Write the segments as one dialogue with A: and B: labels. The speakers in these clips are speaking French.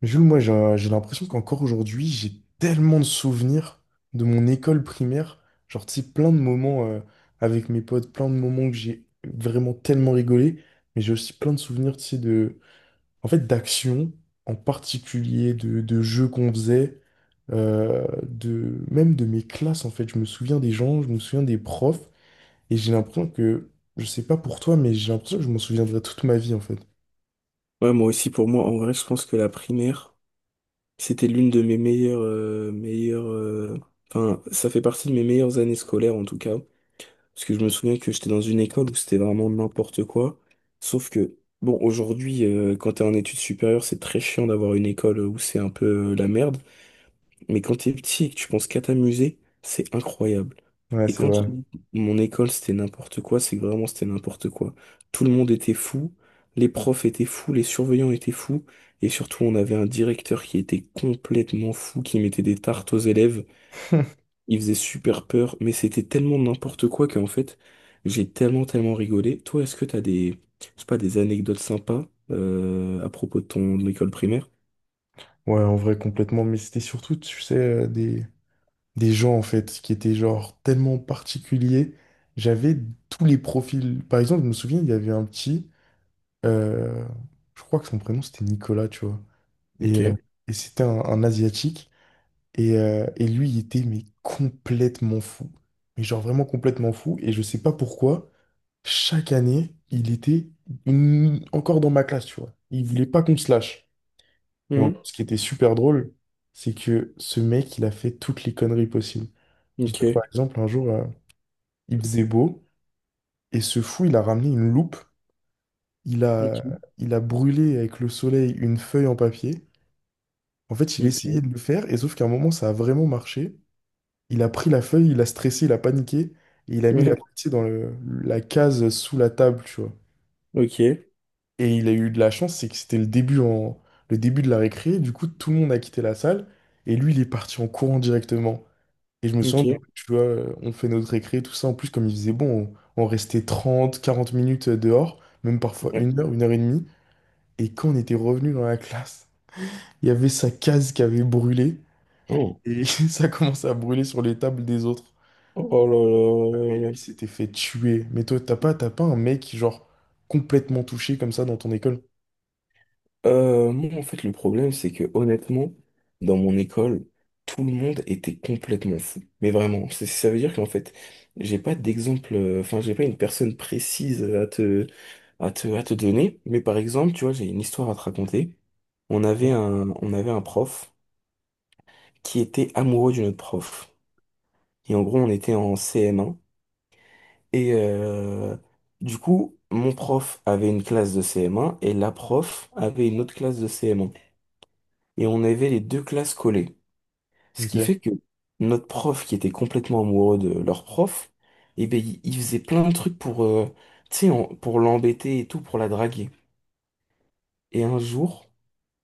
A: Mais Jules, moi, j'ai l'impression qu'encore aujourd'hui, j'ai tellement de souvenirs de mon école primaire. Genre, tu sais, plein de moments avec mes potes, plein de moments que j'ai vraiment tellement rigolé. Mais j'ai aussi plein de souvenirs, tu sais, de... En fait, d'actions en particulier, de jeux qu'on faisait, de... même de mes classes, en fait. Je me souviens des gens, je me souviens des profs. Et j'ai l'impression que, je sais pas pour toi, mais j'ai l'impression que je m'en souviendrai toute ma vie, en fait.
B: Ouais, moi aussi, pour moi, en vrai, je pense que la primaire, c'était l'une de mes enfin, ça fait partie de mes meilleures années scolaires, en tout cas. Parce que je me souviens que j'étais dans une école où c'était vraiment n'importe quoi. Sauf que, bon, aujourd'hui, quand t'es en études supérieures, c'est très chiant d'avoir une école où c'est un peu la merde. Mais quand t'es petit et que tu penses qu'à t'amuser, c'est incroyable.
A: Ouais,
B: Et
A: c'est
B: quand je
A: vrai.
B: dis mon école, c'était n'importe quoi, c'est que vraiment c'était n'importe quoi. Tout le monde était fou, les profs étaient fous, les surveillants étaient fous, et surtout on avait un directeur qui était complètement fou, qui mettait des tartes aux élèves, il faisait super peur, mais c'était tellement n'importe quoi qu'en fait, j'ai tellement tellement rigolé. Toi, est-ce que t'as des, je sais pas, des anecdotes sympas à propos de ton école primaire?
A: Ouais, en vrai, complètement. Mais c'était surtout, tu sais, des gens, en fait, qui étaient, genre, tellement particuliers. J'avais tous les profils. Par exemple, je me souviens, il y avait un petit, euh, je crois que son prénom, c'était Nicolas, tu vois.
B: Ok.
A: Et, euh, et c'était un Asiatique. Et lui, il était, mais complètement fou. Mais genre, vraiment complètement fou. Et je sais pas pourquoi, chaque année, il était encore dans ma classe, tu vois. Il voulait pas qu'on se lâche. Et en
B: Mhm.
A: gros, ce qui était super drôle, c'est que ce mec, il a fait toutes les conneries possibles. Dis-toi que,
B: Ok.
A: par exemple, un jour, il faisait beau, et ce fou, il a ramené une loupe, il a,
B: Ok.
A: il a brûlé avec le soleil une feuille en papier. En fait, il essayait
B: Ok.
A: de le faire, et sauf qu'à un moment, ça a vraiment marché. Il a pris la feuille, il a stressé, il a paniqué, et il a mis la
B: Ouais,
A: feuille, tu sais, la case sous la table, tu vois.
B: ok,
A: Et il a eu de la chance, c'est que c'était le début de la récré, du coup, tout le monde a quitté la salle, et lui, il est parti en courant directement. Et je me souviens, du
B: ok,
A: coup, tu vois, on fait notre récré, tout ça. En plus, comme il faisait bon, on restait 30 40 minutes dehors, même parfois
B: ouais.
A: une heure et demie. Et quand on était revenu dans la classe, il y avait sa case qui avait brûlé
B: Oh,
A: et ça commençait à brûler sur les tables des autres.
B: oh
A: Ah, mais lui,
B: là là.
A: il s'était fait tuer. Mais toi, t'as pas un mec, genre, complètement touché comme ça dans ton école?
B: Moi, en fait, le problème, c'est que honnêtement, dans mon école, tout le monde était complètement fou. Mais vraiment, ça veut dire qu'en fait, j'ai pas d'exemple, enfin, j'ai pas une personne précise à te donner. Mais par exemple, tu vois, j'ai une histoire à te raconter. On avait
A: Ouais.
B: un, on avait un prof qui était amoureux d'une autre prof. Et en gros, on était en CM1. Et du coup, mon prof avait une classe de CM1 et la prof avait une autre classe de CM1. Et on avait les deux classes collées. Ce qui
A: Ok.
B: fait que notre prof, qui était complètement amoureux de leur prof, eh ben, il faisait plein de trucs pour, tu sais, pour l'embêter et tout, pour la draguer. Et un jour,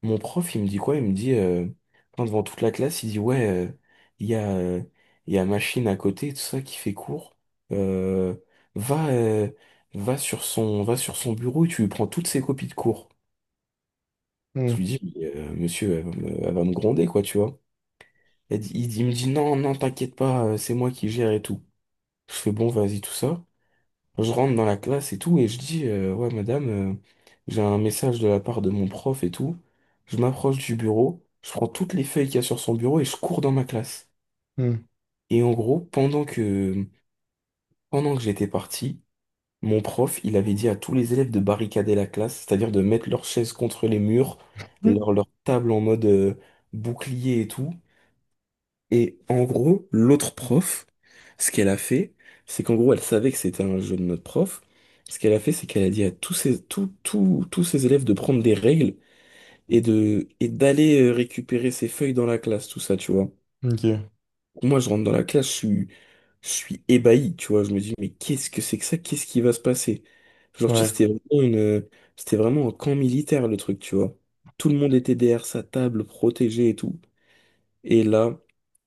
B: mon prof, il me dit quoi? Il me dit, enfin, devant toute la classe, il dit, ouais, il y a, euh, il y a machine à côté, tout ça qui fait cours. Euh, va, euh, va sur son bureau et tu lui prends toutes ses copies de cours. Je lui
A: Hmm,
B: dis, mais, monsieur, elle va me gronder, quoi, tu vois. Elle dit, il me dit, non, non, t'inquiète pas, c'est moi qui gère et tout. Je fais, bon, vas-y, tout ça. Je rentre dans la classe et tout, et je dis, ouais, madame, j'ai un message de la part de mon prof et tout. Je m'approche du bureau, je prends toutes les feuilles qu'il y a sur son bureau et je cours dans ma classe.
A: hmm.
B: Et en gros, pendant que j'étais parti, mon prof, il avait dit à tous les élèves de barricader la classe, c'est-à-dire de mettre leurs chaises contre les murs,
A: Hmm.
B: leur table en mode, bouclier et tout. Et en gros, l'autre prof, ce qu'elle a fait, c'est qu'en gros, elle savait que c'était un jeu de notre prof. Ce qu'elle a fait, c'est qu'elle a dit à tous ses élèves de prendre des règles et d'aller récupérer ses feuilles dans la classe, tout ça, tu vois.
A: Ok.
B: Moi, je rentre dans la classe, je suis ébahi, tu vois. Je me dis, mais qu'est-ce que c'est que ça? Qu'est-ce qui va se passer? Genre, tu sais,
A: Ouais.
B: c'était vraiment un camp militaire, le truc, tu vois. Tout le monde était derrière sa table, protégé et tout. Et là,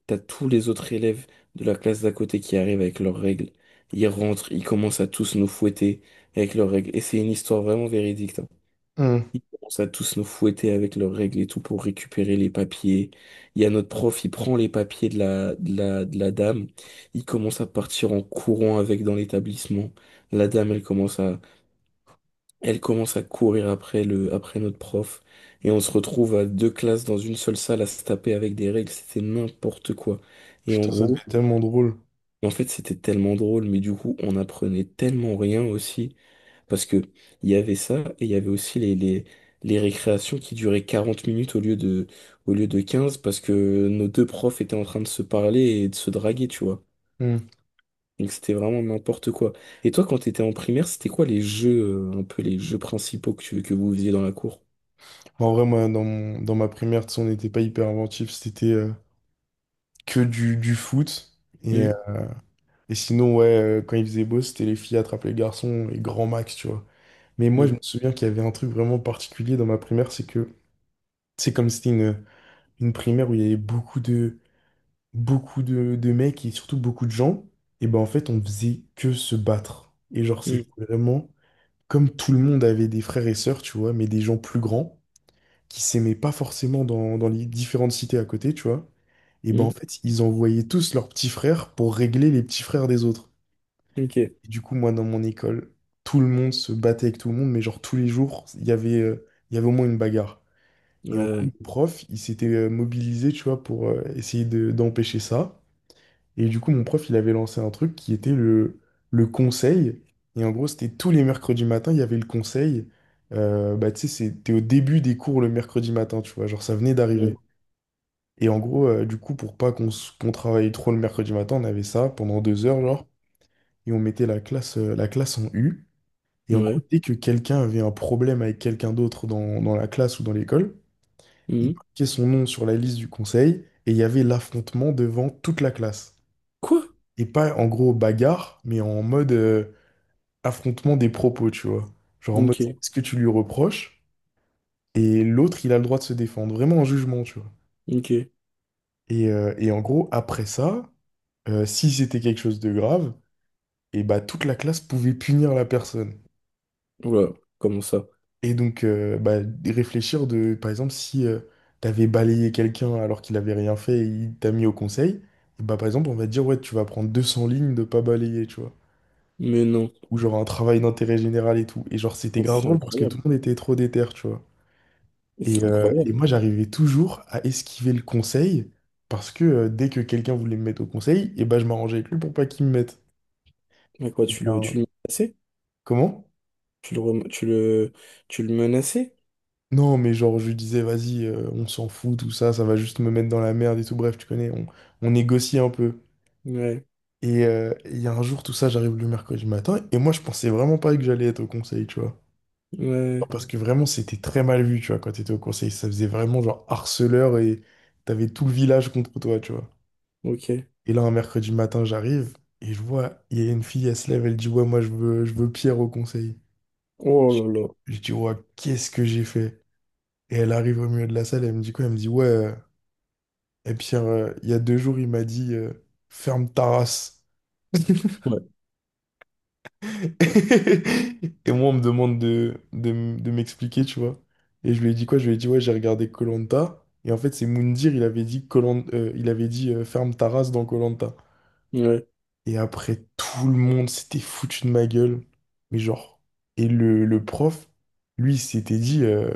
B: t'as tous les autres élèves de la classe d'à côté qui arrivent avec leurs règles. Ils rentrent, ils commencent à tous nous fouetter avec leurs règles. Et c'est une histoire vraiment véridique, hein.
A: Hmm.
B: Ils commencent à tous nous fouetter avec leurs règles et tout pour récupérer les papiers. Il y a notre prof, il prend les papiers de la, de la dame. Il commence à partir en courant avec dans l'établissement. La dame, elle commence à courir après notre prof. Et on se retrouve à deux classes dans une seule salle à se taper avec des règles. C'était n'importe quoi. Et en
A: Putain, ça devait
B: gros,
A: être tellement drôle.
B: et en fait, c'était tellement drôle, mais du coup, on apprenait tellement rien aussi, parce que il y avait ça, et il y avait aussi les récréations qui duraient 40 minutes au lieu de 15 parce que nos deux profs étaient en train de se parler et de se draguer, tu vois.
A: Mmh.
B: Donc c'était vraiment n'importe quoi. Et toi, quand t'étais en primaire, c'était quoi les jeux, un peu les jeux principaux que, que vous faisiez dans la cour?
A: Bon, en vrai, moi, dans ma primaire, tu sais, on n'était pas hyper inventif, c'était que du foot.
B: Hum,
A: Et sinon, ouais, quand il faisait beau, c'était les filles attrapent les garçons et grand max, tu vois. Mais moi, je
B: hum,
A: me souviens qu'il y avait un truc vraiment particulier dans ma primaire, c'est comme c'était une primaire où il y avait beaucoup de mecs et surtout beaucoup de gens, et ben en fait, on faisait que se battre. Et genre,
B: hum,
A: c'était vraiment comme tout le monde avait des frères et sœurs, tu vois, mais des gens plus grands, qui s'aimaient pas forcément dans les différentes cités à côté, tu vois. Et ben en
B: hum,
A: fait, ils envoyaient tous leurs petits frères pour régler les petits frères des autres.
B: Ok.
A: Et du coup, moi, dans mon école, tout le monde se battait avec tout le monde, mais genre tous les jours, il y avait au moins une bagarre. Et en gros, le
B: Ouais,
A: prof, il s'était mobilisé, tu vois, pour d'empêcher ça. Et du coup, mon prof, il avait lancé un truc qui était le conseil. Et en gros, c'était tous les mercredis matins, il y avait le conseil. Bah, tu sais, c'était au début des cours le mercredi matin, tu vois, genre ça venait
B: ouais,
A: d'arriver. Et en gros, du coup, pour pas qu'on travaille trop le mercredi matin, on avait ça pendant deux heures, genre, et on mettait la classe en U. Et en gros,
B: ouais.
A: dès que quelqu'un avait un problème avec quelqu'un d'autre dans la classe ou dans l'école, il
B: Hum.
A: marquait son nom sur la liste du conseil et il y avait l'affrontement devant toute la classe.
B: Quoi?
A: Et pas en gros bagarre, mais en mode affrontement des propos, tu vois. Genre en mode,
B: Ok,
A: est-ce que tu lui reproches? Et l'autre, il a le droit de se défendre, vraiment en jugement, tu vois.
B: ok.
A: Et en gros, après ça, si c'était quelque chose de grave, et bah toute la classe pouvait punir la personne.
B: Voilà, comment ça?
A: Et donc bah, réfléchir de, par exemple, si t'avais balayé quelqu'un alors qu'il avait rien fait et il t'a mis au conseil, et bah par exemple on va te dire ouais tu vas prendre 200 lignes de pas balayer, tu vois.
B: Mais non.
A: Ou genre un travail d'intérêt général et tout. Et genre c'était
B: Mais
A: grave
B: c'est
A: drôle parce que tout
B: incroyable.
A: le monde était trop déter, tu vois.
B: Mais c'est incroyable.
A: Et moi j'arrivais toujours à esquiver le conseil parce que dès que quelqu'un voulait me mettre au conseil, et bah je m'arrangeais avec lui pour pas qu'il me mette.
B: Mais quoi,
A: Et il
B: tu
A: y a
B: le, tu
A: un-
B: le menaçais?
A: Comment?
B: Tu le, rem- tu le menaçais?
A: Non, mais genre, je lui disais, vas-y, on s'en fout, tout ça, ça va juste me mettre dans la merde et tout. Bref, tu connais, on négocie un peu.
B: Ouais.
A: Il y a un jour, tout ça, j'arrive le mercredi matin, et moi, je pensais vraiment pas que j'allais être au conseil, tu vois.
B: Ouais.
A: Parce que vraiment, c'était très mal vu, tu vois, quand t'étais au conseil. Ça faisait vraiment genre harceleur et t'avais tout le village contre toi, tu vois.
B: Ok.
A: Et là, un mercredi matin, j'arrive, et je vois, il y a une fille, elle se lève, elle dit, ouais, moi, je veux Pierre au conseil.
B: Oh
A: Je
B: là là.
A: je dis, ouais, qu'est-ce que j'ai fait? Et elle arrive au milieu de la salle, elle me dit quoi? Elle me dit, ouais, et puis il y a deux jours, il m'a dit ferme ta race.
B: Ouais.
A: Et moi, on me demande de, de m'expliquer, tu vois. Et je lui ai dit quoi? Je lui ai dit, ouais, j'ai regardé koh. Et en fait, c'est Moundir, il avait dit, koh, il avait dit ferme ta race dans koh.
B: Ouais.
A: Et après, tout le monde s'était foutu de ma gueule. Mais genre. Et le prof, lui, il s'était dit,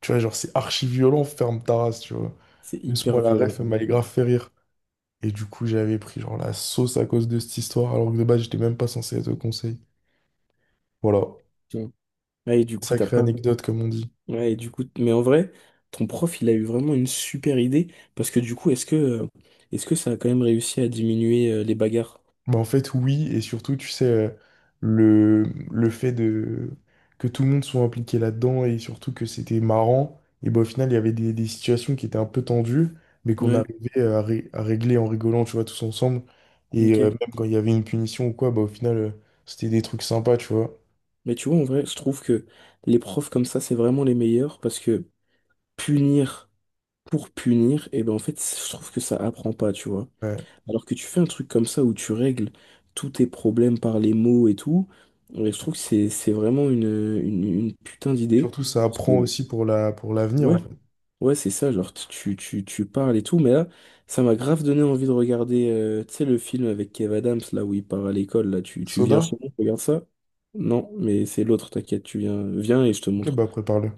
A: tu vois, genre, c'est archi violent, ferme ta race, tu vois.
B: C'est
A: Laisse-moi
B: hyper
A: la
B: violent,
A: ref,
B: ça.
A: elle m'allait grave fait rire. Et du coup, j'avais pris genre la sauce à cause de cette histoire, alors que de base, j'étais même pas censé être au conseil. Voilà.
B: Putain. Ouais, et du coup, t'as
A: Sacrée
B: pas.
A: anecdote, comme on dit.
B: Ouais, et du coup, mais en vrai, ton prof, il a eu vraiment une super idée. Parce que du coup, est-ce que ça a quand même réussi à diminuer les bagarres?
A: Mais en fait, oui, et surtout, tu sais, le, le fait de que tout le monde soit impliqué là-dedans et surtout que c'était marrant, et ben au final, il y avait des situations qui étaient un peu tendues, mais qu'on
B: Ouais.
A: arrivait à, à régler en rigolant, tu vois, tous ensemble. Et
B: Ok.
A: même quand il y avait une punition ou quoi, bah, au final, c'était des trucs sympas, tu vois.
B: Mais tu vois, en vrai, je trouve que les profs comme ça, c'est vraiment les meilleurs parce que punir. Pour punir, et ben en fait, je trouve que ça apprend pas, tu vois.
A: Ouais.
B: Alors que tu fais un truc comme ça où tu règles tous tes problèmes par les mots et tout, ouais, je trouve que c'est vraiment une putain d'idée.
A: Surtout, ça
B: Parce
A: apprend
B: que-
A: aussi pour la, pour l'avenir,
B: Ouais,
A: en fait.
B: ouais, c'est ça, genre tu parles et tout, mais là, ça m'a grave donné envie de regarder, tu sais, le film avec Kev Adams, là où il part à l'école, là, tu viens
A: Soda?
B: chez moi, regarde ça? Non, mais c'est l'autre, t'inquiète, tu viens, viens et je te
A: Ok,
B: montre.
A: bah prépare-le.